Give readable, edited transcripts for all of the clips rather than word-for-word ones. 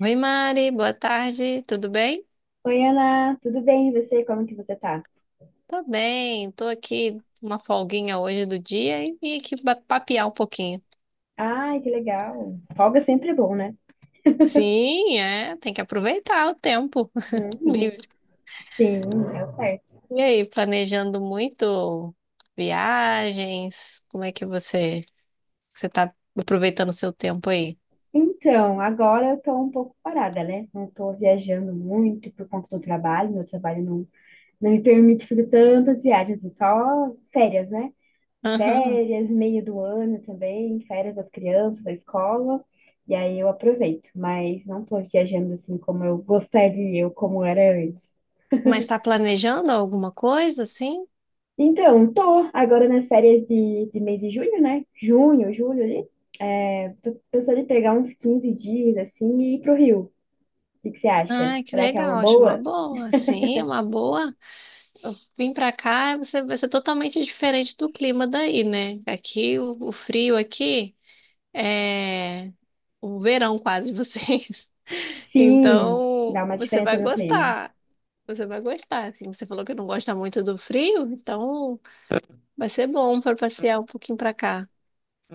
Oi, Mari, boa tarde, tudo bem? Oi, Ana, tudo bem? E você? Como que você tá? Tô bem, tô aqui uma folguinha hoje do dia e vim aqui papear um pouquinho. Ai, que legal. Folga sempre é bom, né? Sim, é, tem que aproveitar o tempo Uhum. livre. Sim, é o certo. E aí, planejando muito viagens? Como é que você tá aproveitando o seu tempo aí? Então, agora eu tô um pouco parada, né? Não tô viajando muito por conta do trabalho. Meu trabalho não, não me permite fazer tantas viagens, é só férias, né? Aham. Férias, meio do ano também, férias das crianças, da escola. E aí eu aproveito, mas não tô viajando assim como eu gostaria, ou como era antes. Mas tá planejando alguma coisa assim? Então, tô agora nas férias de mês de junho, né? Junho, julho ali. É, tô pensando em pegar uns 15 dias, assim, e ir pro Rio. O que que você acha? Ah, que Será que é uma legal, acho uma boa? boa. Sim, uma boa. Vim pra cá, você vai ser totalmente diferente do clima daí, né? Aqui, o frio aqui é o verão quase de vocês. Sim, Então, dá uma você vai diferença no clima. gostar. Você vai gostar. Assim. Você falou que não gosta muito do frio, então vai ser bom para passear um pouquinho pra cá.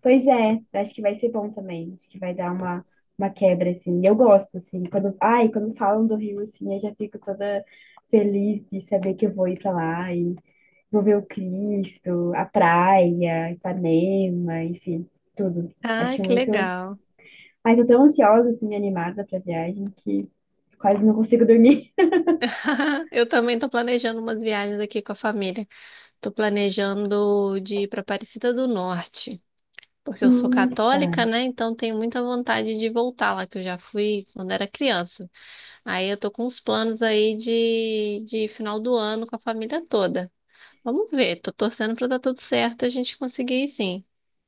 Pois é, acho que vai ser bom também. Acho que vai dar uma quebra, assim. Eu gosto, assim, quando... Ai, quando falam do Rio, assim, eu já fico toda feliz de saber que eu vou ir pra lá e vou ver o Cristo, a praia, Ipanema, enfim, tudo. Ah, Acho que muito... legal. Mas eu tô tão ansiosa, assim, animada pra viagem, que quase não consigo dormir. Eu também tô planejando umas viagens aqui com a família. Tô planejando de ir pra Aparecida do Norte. Porque eu sou Nossa! católica, né? Então tenho muita vontade de voltar lá, que eu já fui quando era criança. Aí eu tô com uns planos aí de final do ano com a família toda. Vamos ver, tô torcendo pra dar tudo certo, e a gente conseguir ir sim.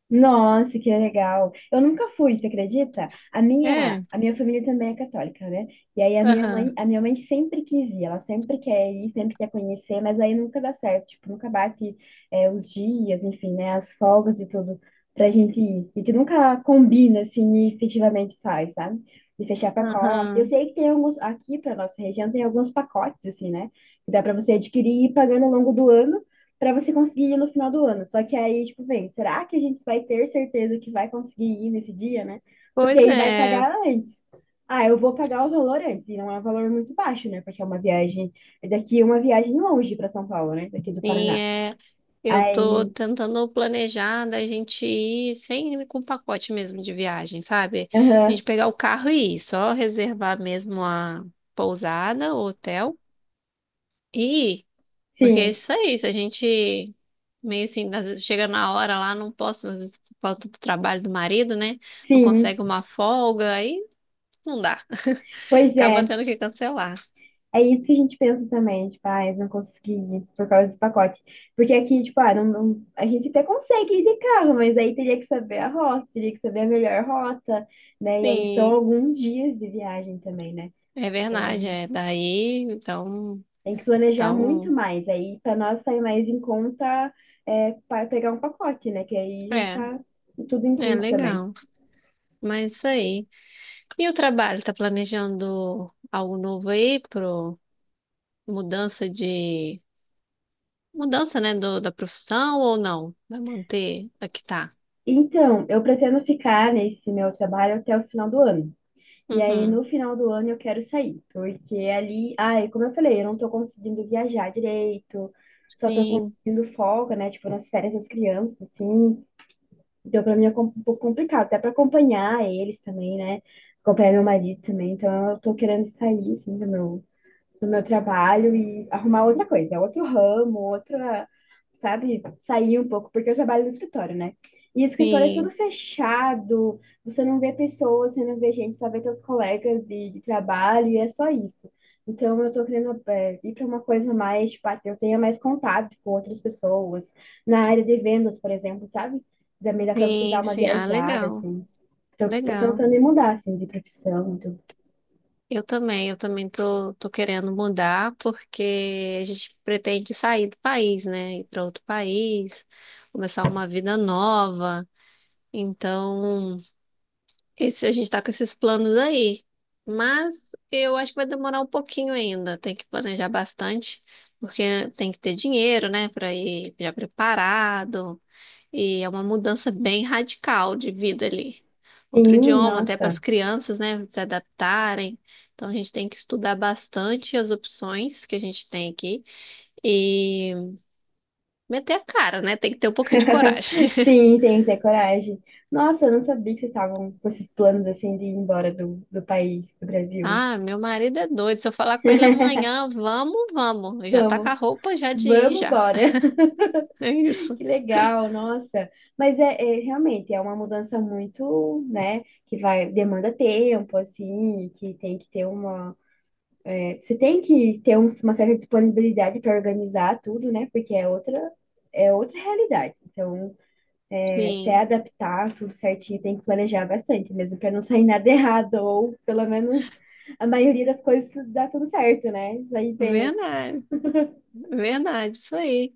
Nossa, que legal. Eu nunca fui, você acredita? É, A minha família também é católica, né? E aí aham, a minha mãe sempre quis ir, ela sempre quer ir, sempre quer conhecer, mas aí nunca dá certo, tipo, nunca bate, é, os dias, enfim, né, as folgas e tudo pra gente ir. E que nunca combina, assim, e efetivamente faz, sabe? De fechar pacote. Eu aham. sei que tem alguns, aqui pra nossa região tem alguns pacotes, assim, né? Que dá pra você adquirir e ir pagando ao longo do ano para você conseguir ir no final do ano. Só que aí, tipo, vem, será que a gente vai ter certeza que vai conseguir ir nesse dia, né? Porque Pois aí vai é, pagar antes. Ah, eu vou pagar o valor antes, e não é um valor muito baixo, né? Porque é uma viagem, é daqui uma viagem longe para São Paulo, né? Daqui do sim, Paraná. é. Eu tô Aí, tentando planejar da gente ir sem com pacote mesmo de viagem, sabe? A aham, gente pegar o carro e ir, só reservar mesmo a pousada, o hotel. E porque é sim, isso aí, se a gente meio assim, às vezes chega na hora lá, não posso, às vezes por falta do trabalho do marido, né? Não sim. consegue uma folga, aí não dá. Pois Acaba é. tendo que cancelar. É isso que a gente pensa também, tipo, ai, não consegui por causa do pacote. Porque aqui, tipo, ah, a gente até consegue ir de carro, mas aí teria que saber a rota, teria que saber a melhor rota, né? E aí são Sim, alguns dias de viagem também, né? é verdade, Então é. Daí, então, tem que planejar muito então, mais. Aí para nós sair mais em conta é, para pegar um pacote, né? Que aí já é, tá tudo é incluso também. legal. Mas isso aí. E o trabalho, tá planejando algo novo aí pro mudança de mudança, né, da profissão ou não? Vai manter a que tá? Então, eu pretendo ficar nesse meu trabalho até o final do ano. E aí, no Uhum. final do ano, eu quero sair, porque ali, ai, como eu falei, eu não tô conseguindo viajar direito, só tô Sim, conseguindo folga, né? Tipo, nas férias das crianças, assim. Então, pra mim é um pouco complicado, até pra acompanhar eles também, né? Acompanhar meu marido também. Então, eu tô querendo sair, assim, do meu trabalho e arrumar outra coisa, é outro ramo, outra, sabe, sair um pouco, porque eu trabalho no escritório, né? E escritório é tudo sim. fechado, você não vê pessoas, você não vê gente, só vê teus colegas de trabalho e é só isso. Então, eu tô querendo é, ir para uma coisa mais, tipo, ah, que eu tenha mais contato com outras pessoas, na área de vendas, por exemplo, sabe? Também dá para você dar Sim, uma sim. Ah, viajada, legal, assim. Tô legal. pensando em mudar, assim, de profissão. Tudo. Eu também tô, tô querendo mudar porque a gente pretende sair do país, né? Ir para outro país, começar uma vida nova. Então, esse, a gente tá com esses planos aí. Mas eu acho que vai demorar um pouquinho ainda. Tem que planejar bastante, porque tem que ter dinheiro, né? Para ir já preparado. E é uma mudança bem radical de vida ali. Outro Sim, idioma, até para as nossa. crianças, né, se adaptarem. Então a gente tem que estudar bastante as opções que a gente tem aqui e meter a cara, né? Tem que ter um pouquinho de coragem. Sim, tem que ter coragem. Nossa, eu não sabia que vocês estavam com esses planos assim de ir embora do país, do Brasil. Ah, meu marido é doido. Se eu falar com ele amanhã, vamos, vamos. Ele já tá com a Vamos, roupa já de ir vamos já. bora. É isso. Que legal, nossa. Mas realmente é uma mudança muito, né, que vai, demanda tempo, assim, que tem que ter uma. É, você tem que ter uma certa disponibilidade para organizar tudo, né? Porque é outra realidade. Então, até Sim, adaptar tudo certinho, tem que planejar bastante mesmo, para não sair nada errado, ou pelo menos a maioria das coisas dá tudo certo, né? Isso aí bem, verdade. Verdade, isso aí.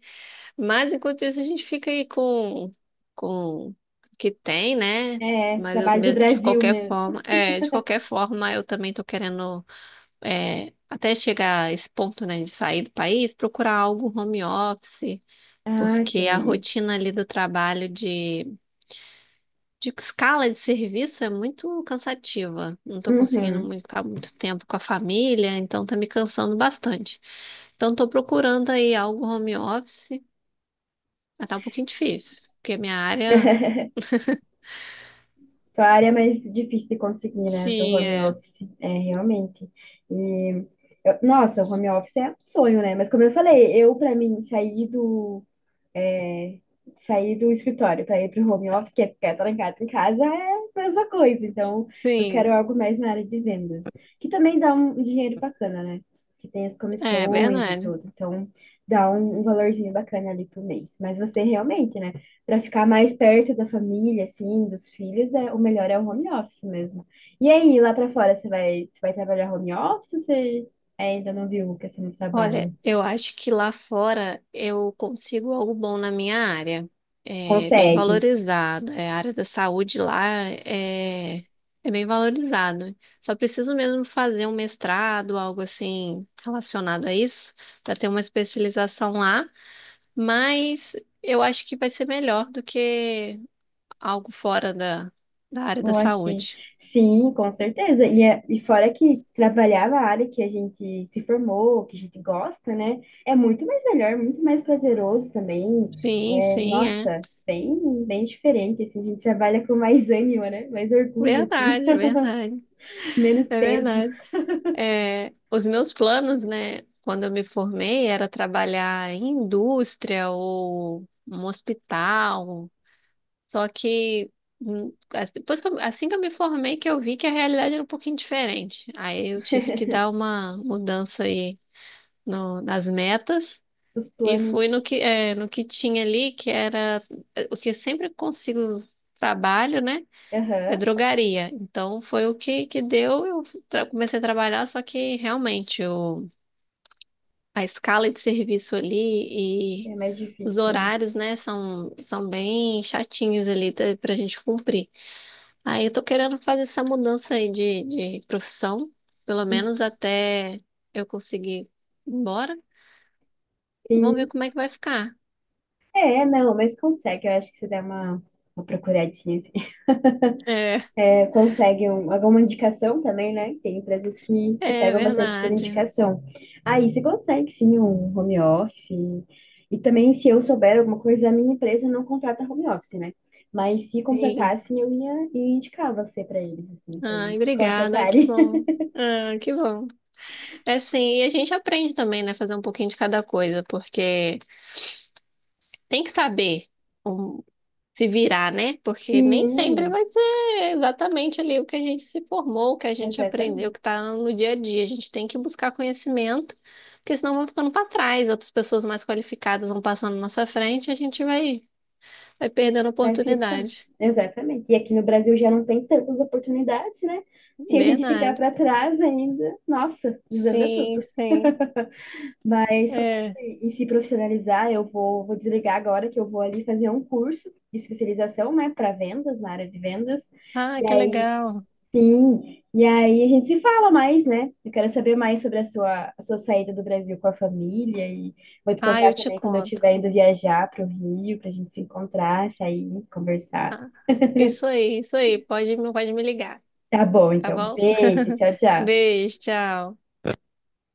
Mas enquanto isso, a gente fica aí com o que tem, né? assim, é, Mas eu trabalho do de Brasil qualquer mesmo. forma, é, de qualquer forma, eu também tô querendo, é, até chegar a esse ponto, né, de sair do país, procurar algo home office, Ah, porque a sim. rotina ali do trabalho de escala de serviço é muito cansativa. Não tô conseguindo Uhum. muito, ficar muito tempo com a família, então tá me cansando bastante. Então, estou procurando aí algo home office, mas tá um pouquinho difícil, porque a minha área, Tua área é mais difícil de conseguir, né? Do sim, home é, office, é, realmente. E, nossa, o home office é um sonho, né? Mas como eu falei, eu, para mim, sair do escritório para ir para o home office, que é ficar trancado em casa, é a mesma coisa. Então, eu sim, quero algo mais na área de vendas, que também dá um dinheiro bacana, né? Que tem as é comissões e verdade. tudo. Então, dá um valorzinho bacana ali por mês. Mas você realmente, né? Para ficar mais perto da família, assim, dos filhos, é, o melhor é o home office mesmo. E aí, lá para fora, você vai trabalhar home office ou você ainda não viu que você não trabalha? Olha, eu acho que lá fora eu consigo algo bom na minha área. É bem Consegue. valorizado. É, a área da saúde lá é, é bem valorizado. Só preciso mesmo fazer um mestrado, algo assim relacionado a isso, para ter uma especialização lá. Mas eu acho que vai ser melhor do que algo fora da área da Ou aqui. saúde. Sim, com certeza. E, e fora que trabalhar na área que a gente se formou, que a gente gosta, né? É muito mais melhor, muito mais prazeroso também. Sim, É, sim, é. nossa, bem, bem diferente, assim. A gente trabalha com mais ânimo, né? Mais orgulho, assim. Verdade, verdade. Menos É peso. verdade. É, os meus planos, né, quando eu me formei, era trabalhar em indústria ou um hospital. Só que depois que assim que eu me formei, que eu vi que a realidade era um pouquinho diferente. Aí eu tive que dar uma mudança aí nas metas Os e planos. fui no que, é, no que tinha ali, que era é, o que eu sempre consigo trabalho, né? É Aham. drogaria. Então foi o que que deu. Eu comecei a trabalhar, só que realmente o, a escala de serviço ali e É mais os difícil, horários, né, são, são bem chatinhos ali pra gente cumprir. Aí eu tô querendo fazer essa mudança aí de profissão, pelo né? menos até eu conseguir ir embora. Vamos ver Sim. como é que vai ficar. É, não, mas consegue. Eu acho que você dá uma procuradinha, assim. É, É, conseguem alguma indicação também, né? Tem empresas que é pegam bastante por verdade. indicação. Aí você consegue sim um home office. E também, se eu souber alguma coisa, a minha empresa não contrata home office, né? Mas se Sim. contratassem, ia indicar você para eles, assim, para Ai, eles se obrigada. Que contratarem. bom. Ah, que bom. É sim, e a gente aprende também, né? Fazer um pouquinho de cada coisa, porque tem que saber um- se virar, né? Porque nem sempre Sim, vai ser exatamente ali o que a gente se formou, o que a gente aprendeu, o exatamente. que tá no dia a dia. A gente tem que buscar conhecimento, porque senão vão ficando para trás, outras pessoas mais qualificadas vão passando na nossa frente e a gente vai perdendo Vai ficando. oportunidade. Exatamente. E aqui no Brasil já não tem tantas oportunidades, né? Se a gente ficar Verdade. para trás ainda, nossa, desanda Sim, tudo. sim. Mas falando em É. Se profissionalizar, vou desligar agora que eu vou ali fazer um curso de especialização, né, para vendas, na área de vendas. Ah, E que aí, legal. sim, e aí a gente se fala mais, né? Eu quero saber mais sobre a sua saída do Brasil com a família e vou te Ah, contar eu te também quando eu conto. estiver indo viajar para o Rio, para a gente se encontrar, sair, conversar. Ah, isso aí, isso aí. Pode, pode me ligar, Tá bom, tá então. bom? Beijo, tchau, tchau. Beijo, tchau.